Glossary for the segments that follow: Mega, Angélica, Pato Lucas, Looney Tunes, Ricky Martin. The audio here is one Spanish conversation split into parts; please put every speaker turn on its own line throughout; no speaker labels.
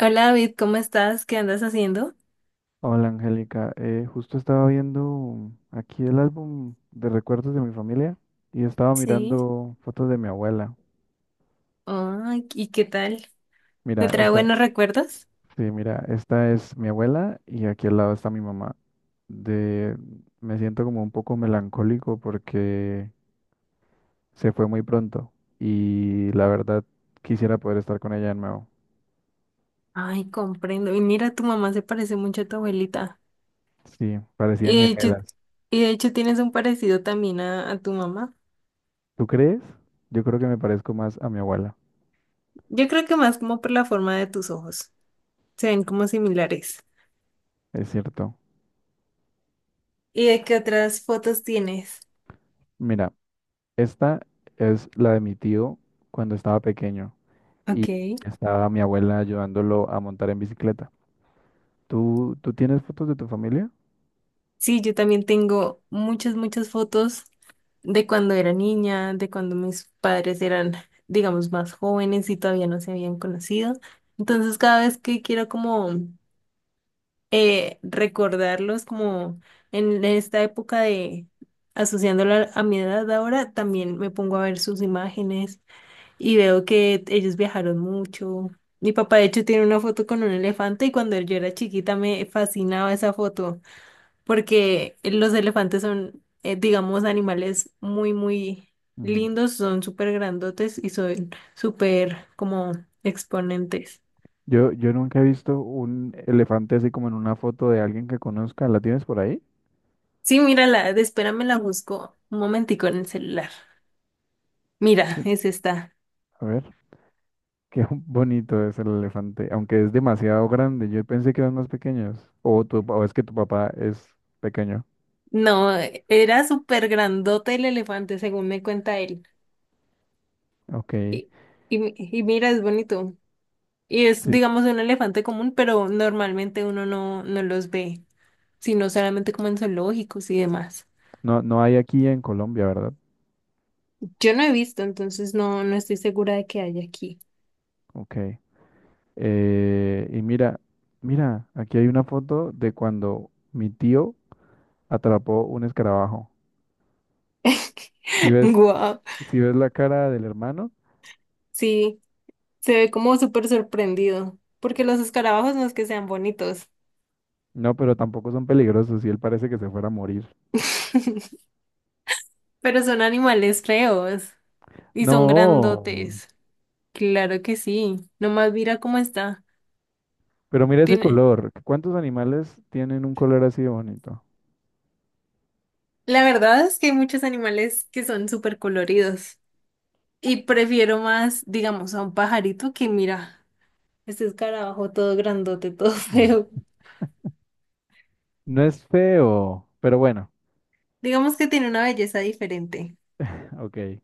Hola David, ¿cómo estás? ¿Qué andas haciendo?
Hola Angélica. Justo estaba viendo aquí el álbum de recuerdos de mi familia y estaba
Sí.
mirando fotos de mi abuela.
Ay, ¿y qué tal? ¿Te
Mira,
trae
esta,
buenos recuerdos?
sí, mira, esta es mi abuela y aquí al lado está mi mamá. De, Me siento como un poco melancólico porque se fue muy pronto y la verdad quisiera poder estar con ella de nuevo.
Ay, comprendo. Y mira, tu mamá se parece mucho a tu abuelita.
Sí,
Y
parecían
de hecho,
gemelas.
y de hecho tienes un parecido también a tu mamá.
¿Tú crees? Yo creo que me parezco más a mi abuela,
Yo creo que más como por la forma de tus ojos. Se ven como similares.
es cierto.
¿Y de qué otras fotos tienes?
Mira. Esta es la de mi tío cuando estaba pequeño y
Ok.
estaba mi abuela ayudándolo a montar en bicicleta. ¿Tú tienes fotos de tu familia?
Sí, yo también tengo muchas, muchas fotos de cuando era niña, de cuando mis padres eran, digamos, más jóvenes y todavía no se habían conocido. Entonces, cada vez que quiero como recordarlos como en esta época, de asociándolo a mi edad ahora, también me pongo a ver sus imágenes y veo que ellos viajaron mucho. Mi papá, de hecho, tiene una foto con un elefante y cuando yo era chiquita me fascinaba esa foto, porque los elefantes son, digamos, animales muy, muy
Ujú.
lindos, son súper grandotes y son súper como exponentes.
Yo nunca he visto un elefante así como en una foto de alguien que conozca. ¿La tienes por ahí?
Sí, mírala, espérame, la busco un momentico en el celular. Mira,
Sí.
es esta.
A ver, qué bonito es el elefante, aunque es demasiado grande. Yo pensé que eran más pequeños. O, tu, o es que tu papá es pequeño.
No, era súper grandote el elefante, según me cuenta él.
Ok,
Y, y mira, es bonito. Y es,
sí.
digamos, un elefante común, pero normalmente uno no los ve, sino solamente como en zoológicos y demás.
No, no hay aquí en Colombia, ¿verdad?
Yo no he visto, entonces no estoy segura de que haya aquí.
Ok. Y mira, mira, aquí hay una foto de cuando mi tío atrapó un escarabajo. Si ves,
Guau.
si ves la cara del hermano,
Sí, se ve como súper sorprendido, porque los escarabajos no es que sean bonitos.
no, pero tampoco son peligrosos y él parece que se fuera a morir.
Pero son animales feos y son
No,
grandotes. Claro que sí. Nomás mira cómo está.
pero mira ese
Tiene.
color. ¿Cuántos animales tienen un color así de bonito?
La verdad es que hay muchos animales que son súper coloridos, y prefiero más, digamos, a un pajarito que mira, este escarabajo todo grandote, todo feo.
No es feo, pero bueno,
Digamos que tiene una belleza diferente.
ok, qué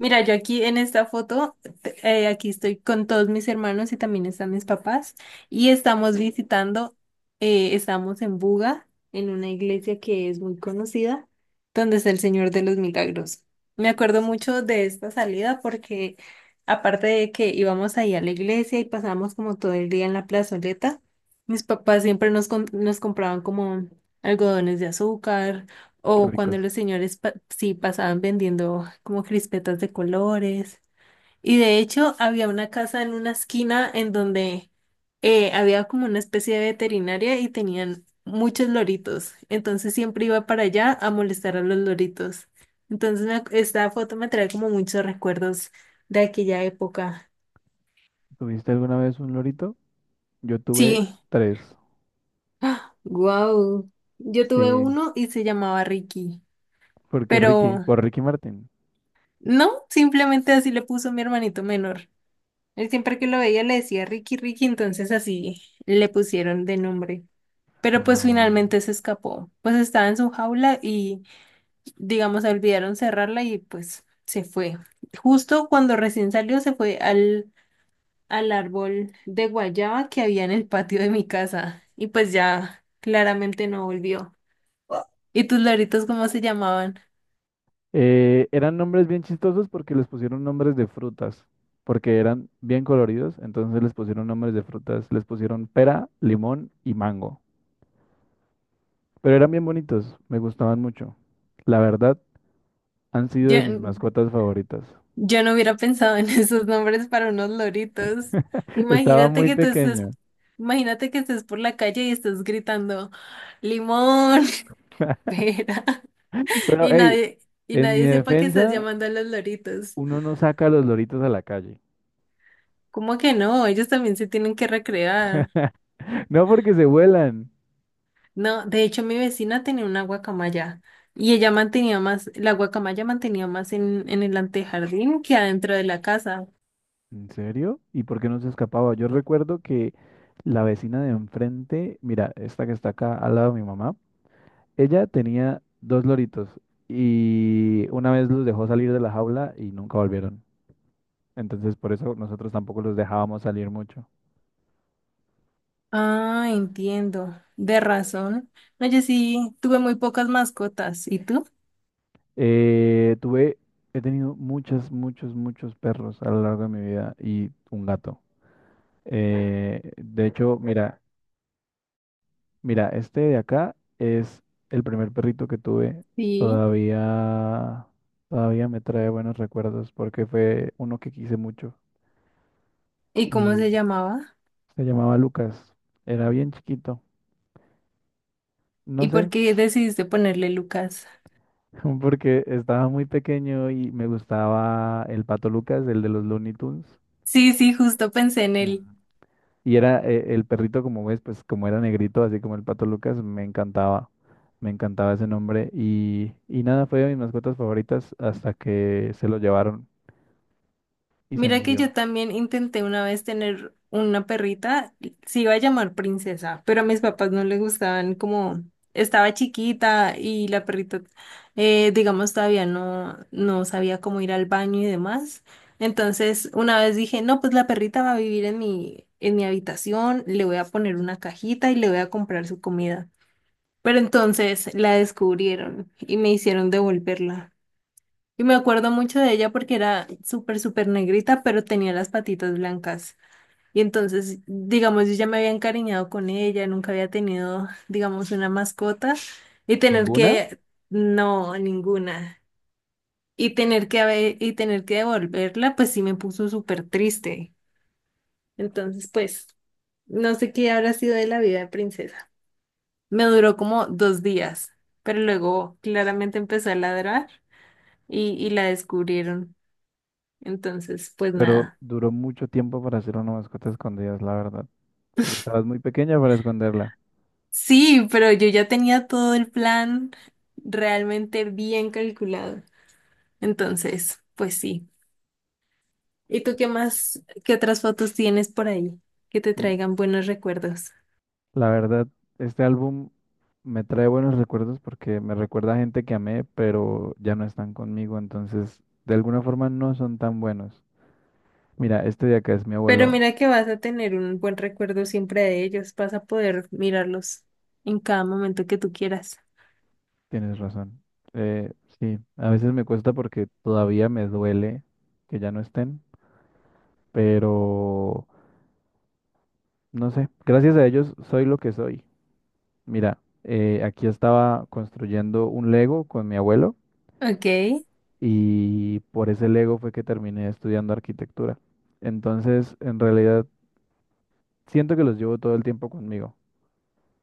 Mira, yo aquí en esta foto, aquí estoy con todos mis hermanos y también están mis papás, y estamos visitando, estamos en Buga, en una iglesia que es muy conocida, donde está el Señor de los Milagros. Me acuerdo mucho de esta salida porque, aparte de que íbamos ahí a la iglesia y pasábamos como todo el día en la plazoleta, mis papás siempre nos compraban como algodones de azúcar, o cuando
ricos.
los señores sí pasaban vendiendo como crispetas de colores. Y de hecho había una casa en una esquina en donde había como una especie de veterinaria, y tenían muchos loritos. Entonces siempre iba para allá a molestar a los loritos. Entonces esta foto me trae como muchos recuerdos de aquella época.
¿Tuviste alguna vez un lorito? Yo tuve
Sí.
tres.
Wow. Yo tuve
Sí,
uno y se llamaba Ricky.
porque Ricky,
Pero
por Ricky Martin.
no, simplemente así le puso mi hermanito menor. Él siempre que lo veía le decía Ricky, Ricky, entonces así le pusieron de nombre. Pero pues
Ah.
finalmente se escapó. Pues estaba en su jaula y, digamos, se olvidaron cerrarla y pues se fue. Justo cuando recién salió, se fue al árbol de guayaba que había en el patio de mi casa. Y pues ya claramente no volvió. ¿Y tus loritos cómo se llamaban?
Eran nombres bien chistosos porque les pusieron nombres de frutas, porque eran bien coloridos, entonces les pusieron nombres de frutas, les pusieron pera, limón y mango. Pero eran bien bonitos, me gustaban mucho. La verdad, han sido de mis
Yo,
mascotas favoritas.
Yo no hubiera pensado en esos nombres para unos loritos.
Estaba
Imagínate
muy
que tú estés,
pequeño.
imagínate que estés por la calle y estés gritando limón, pera,
Pero,
y
hey,
nadie, y
en mi
nadie sepa que estás
defensa,
llamando a los loritos.
uno no saca los loritos a la calle.
¿Cómo que no? Ellos también se tienen que recrear.
No porque se vuelan.
No, de hecho mi vecina tenía una guacamaya y la guacamaya mantenía más en el antejardín que adentro de la casa.
¿En serio? ¿Y por qué no se escapaba? Yo recuerdo que la vecina de enfrente, mira, esta que está acá al lado de mi mamá, ella tenía dos loritos y una vez los dejó salir de la jaula y nunca volvieron. Entonces por eso nosotros tampoco los dejábamos salir mucho.
Ah, entiendo. De razón. No, yo sí tuve muy pocas mascotas. ¿Y tú?
Eh, tuve, He tenido muchos perros a lo largo de mi vida y un gato. De hecho, mira, mira, este de acá es el primer perrito que tuve.
Sí.
Todavía, todavía me trae buenos recuerdos porque fue uno que quise mucho
¿Y cómo
y
se llamaba?
se llamaba Lucas. Era bien chiquito. No
¿Y
sé,
por qué decidiste ponerle Lucas?
porque estaba muy pequeño y me gustaba el Pato Lucas, el de los Looney Tunes.
Sí, sí, justo pensé en
Ujú.
él.
Y era el perrito, como ves, pues como era negrito, así como el Pato Lucas, me encantaba. Me encantaba ese nombre. Y nada, fue de mis mascotas favoritas hasta que se lo llevaron y se
Mira que
murió.
yo también intenté una vez tener una perrita, se iba a llamar Princesa, pero a mis papás no les gustaban, como estaba chiquita y la perrita, digamos, todavía no sabía cómo ir al baño y demás. Entonces, una vez dije, no, pues la perrita va a vivir en mi habitación, le voy a poner una cajita y le voy a comprar su comida. Pero entonces la descubrieron y me hicieron devolverla. Y me acuerdo mucho de ella porque era súper, súper negrita, pero tenía las patitas blancas. Y entonces, digamos, yo ya me había encariñado con ella, nunca había tenido, digamos, una mascota, y tener
¿Ninguna?
que, no, ninguna. Y tener que devolverla, pues sí me puso súper triste. Entonces, pues, no sé qué habrá sido de la vida de Princesa. Me duró como dos días, pero luego claramente empezó a ladrar y la descubrieron. Entonces, pues
Pero
nada.
duró mucho tiempo para hacer una mascota escondida, es la verdad, porque estabas muy pequeña para esconderla.
Sí, pero yo ya tenía todo el plan realmente bien calculado. Entonces, pues sí. ¿Y tú qué más, qué otras fotos tienes por ahí que te
Mm,
traigan buenos recuerdos?
La verdad, este álbum me trae buenos recuerdos porque me recuerda a gente que amé, pero ya no están conmigo, entonces de alguna forma no son tan buenos. Mira, este de acá es mi
Pero
abuelo,
mira que vas a tener un buen recuerdo siempre de ellos, vas a poder mirarlos en cada momento que tú quieras.
tienes razón. Eh, sí, a veces me cuesta porque todavía me duele que ya no estén, pero no sé, gracias a ellos soy lo que soy. Mira, aquí estaba construyendo un Lego con mi abuelo.
Ok. ¿Y,
Y por ese Lego fue que terminé estudiando arquitectura. Entonces, en realidad, siento que los llevo todo el tiempo conmigo.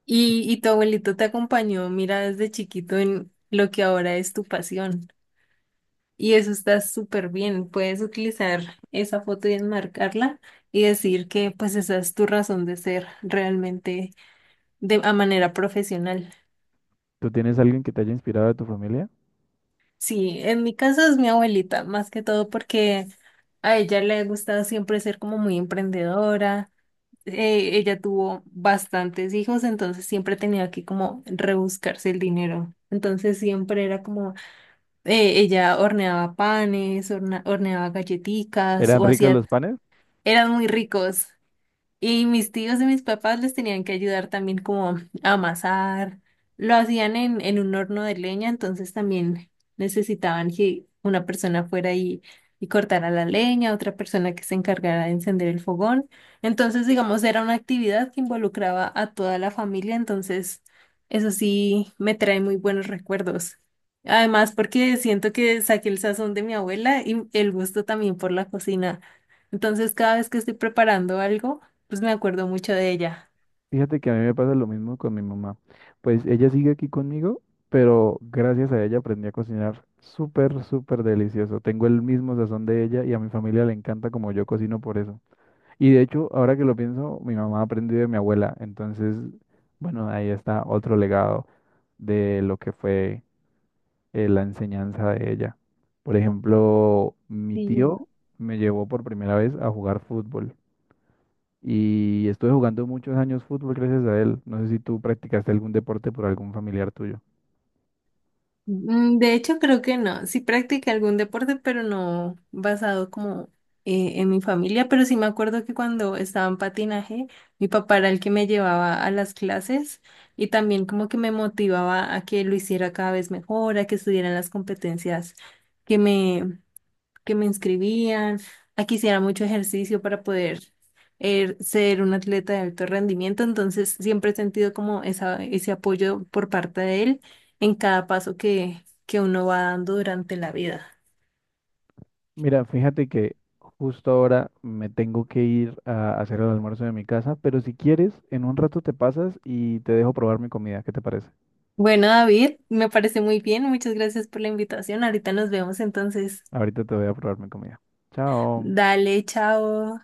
y tu abuelito te acompañó, mira, desde chiquito en lo que ahora es tu pasión? Y eso está súper bien. Puedes utilizar esa foto y enmarcarla, y decir que pues esa es tu razón de ser realmente de a manera profesional.
¿Tú tienes alguien que te haya inspirado de tu familia?
Sí, en mi caso es mi abuelita, más que todo porque a ella le ha gustado siempre ser como muy emprendedora. Ella tuvo bastantes hijos, entonces siempre tenía que como rebuscarse el dinero. Entonces siempre era como, ella horneaba panes, horneaba galletitas
¿Eran
o
ricos
hacía.
los panes?
Eran muy ricos. Y mis tíos y mis papás les tenían que ayudar también como a amasar. Lo hacían en un horno de leña, entonces también necesitaban que una persona fuera y cortara la leña, otra persona que se encargara de encender el fogón. Entonces, digamos, era una actividad que involucraba a toda la familia, entonces eso sí me trae muy buenos recuerdos. Además, porque siento que saqué el sazón de mi abuela y el gusto también por la cocina. Entonces, cada vez que estoy preparando algo, pues me acuerdo mucho de ella.
Fíjate que a mí me pasa lo mismo con mi mamá. Pues ella sigue aquí conmigo, pero gracias a ella aprendí a cocinar súper, súper delicioso. Tengo el mismo sazón de ella y a mi familia le encanta como yo cocino por eso. Y de hecho, ahora que lo pienso, mi mamá aprendió de mi abuela. Entonces, bueno, ahí está otro legado de lo que fue la enseñanza de ella. Por ejemplo, mi
Sí, bueno.
tío me llevó por primera vez a jugar fútbol y estuve jugando muchos años fútbol gracias a él. No sé si tú practicaste algún deporte por algún familiar tuyo.
De hecho, creo que no. Sí practiqué algún deporte, pero no basado como en mi familia. Pero sí me acuerdo que cuando estaba en patinaje, mi papá era el que me llevaba a las clases y también como que me motivaba a que lo hiciera cada vez mejor, a que estuviera en las competencias que me que me inscribían, aquí, que hiciera mucho ejercicio para poder ser un atleta de alto rendimiento. Entonces siempre he sentido como ese apoyo por parte de él en cada paso que uno va dando durante la vida.
Mira, fíjate que justo ahora me tengo que ir a hacer el almuerzo de mi casa, pero si quieres, en un rato te pasas y te dejo probar mi comida. ¿Qué te parece?
Bueno, David, me parece muy bien. Muchas gracias por la invitación. Ahorita nos vemos entonces.
Ahorita te voy a probar mi comida. Chao.
Dale, chao.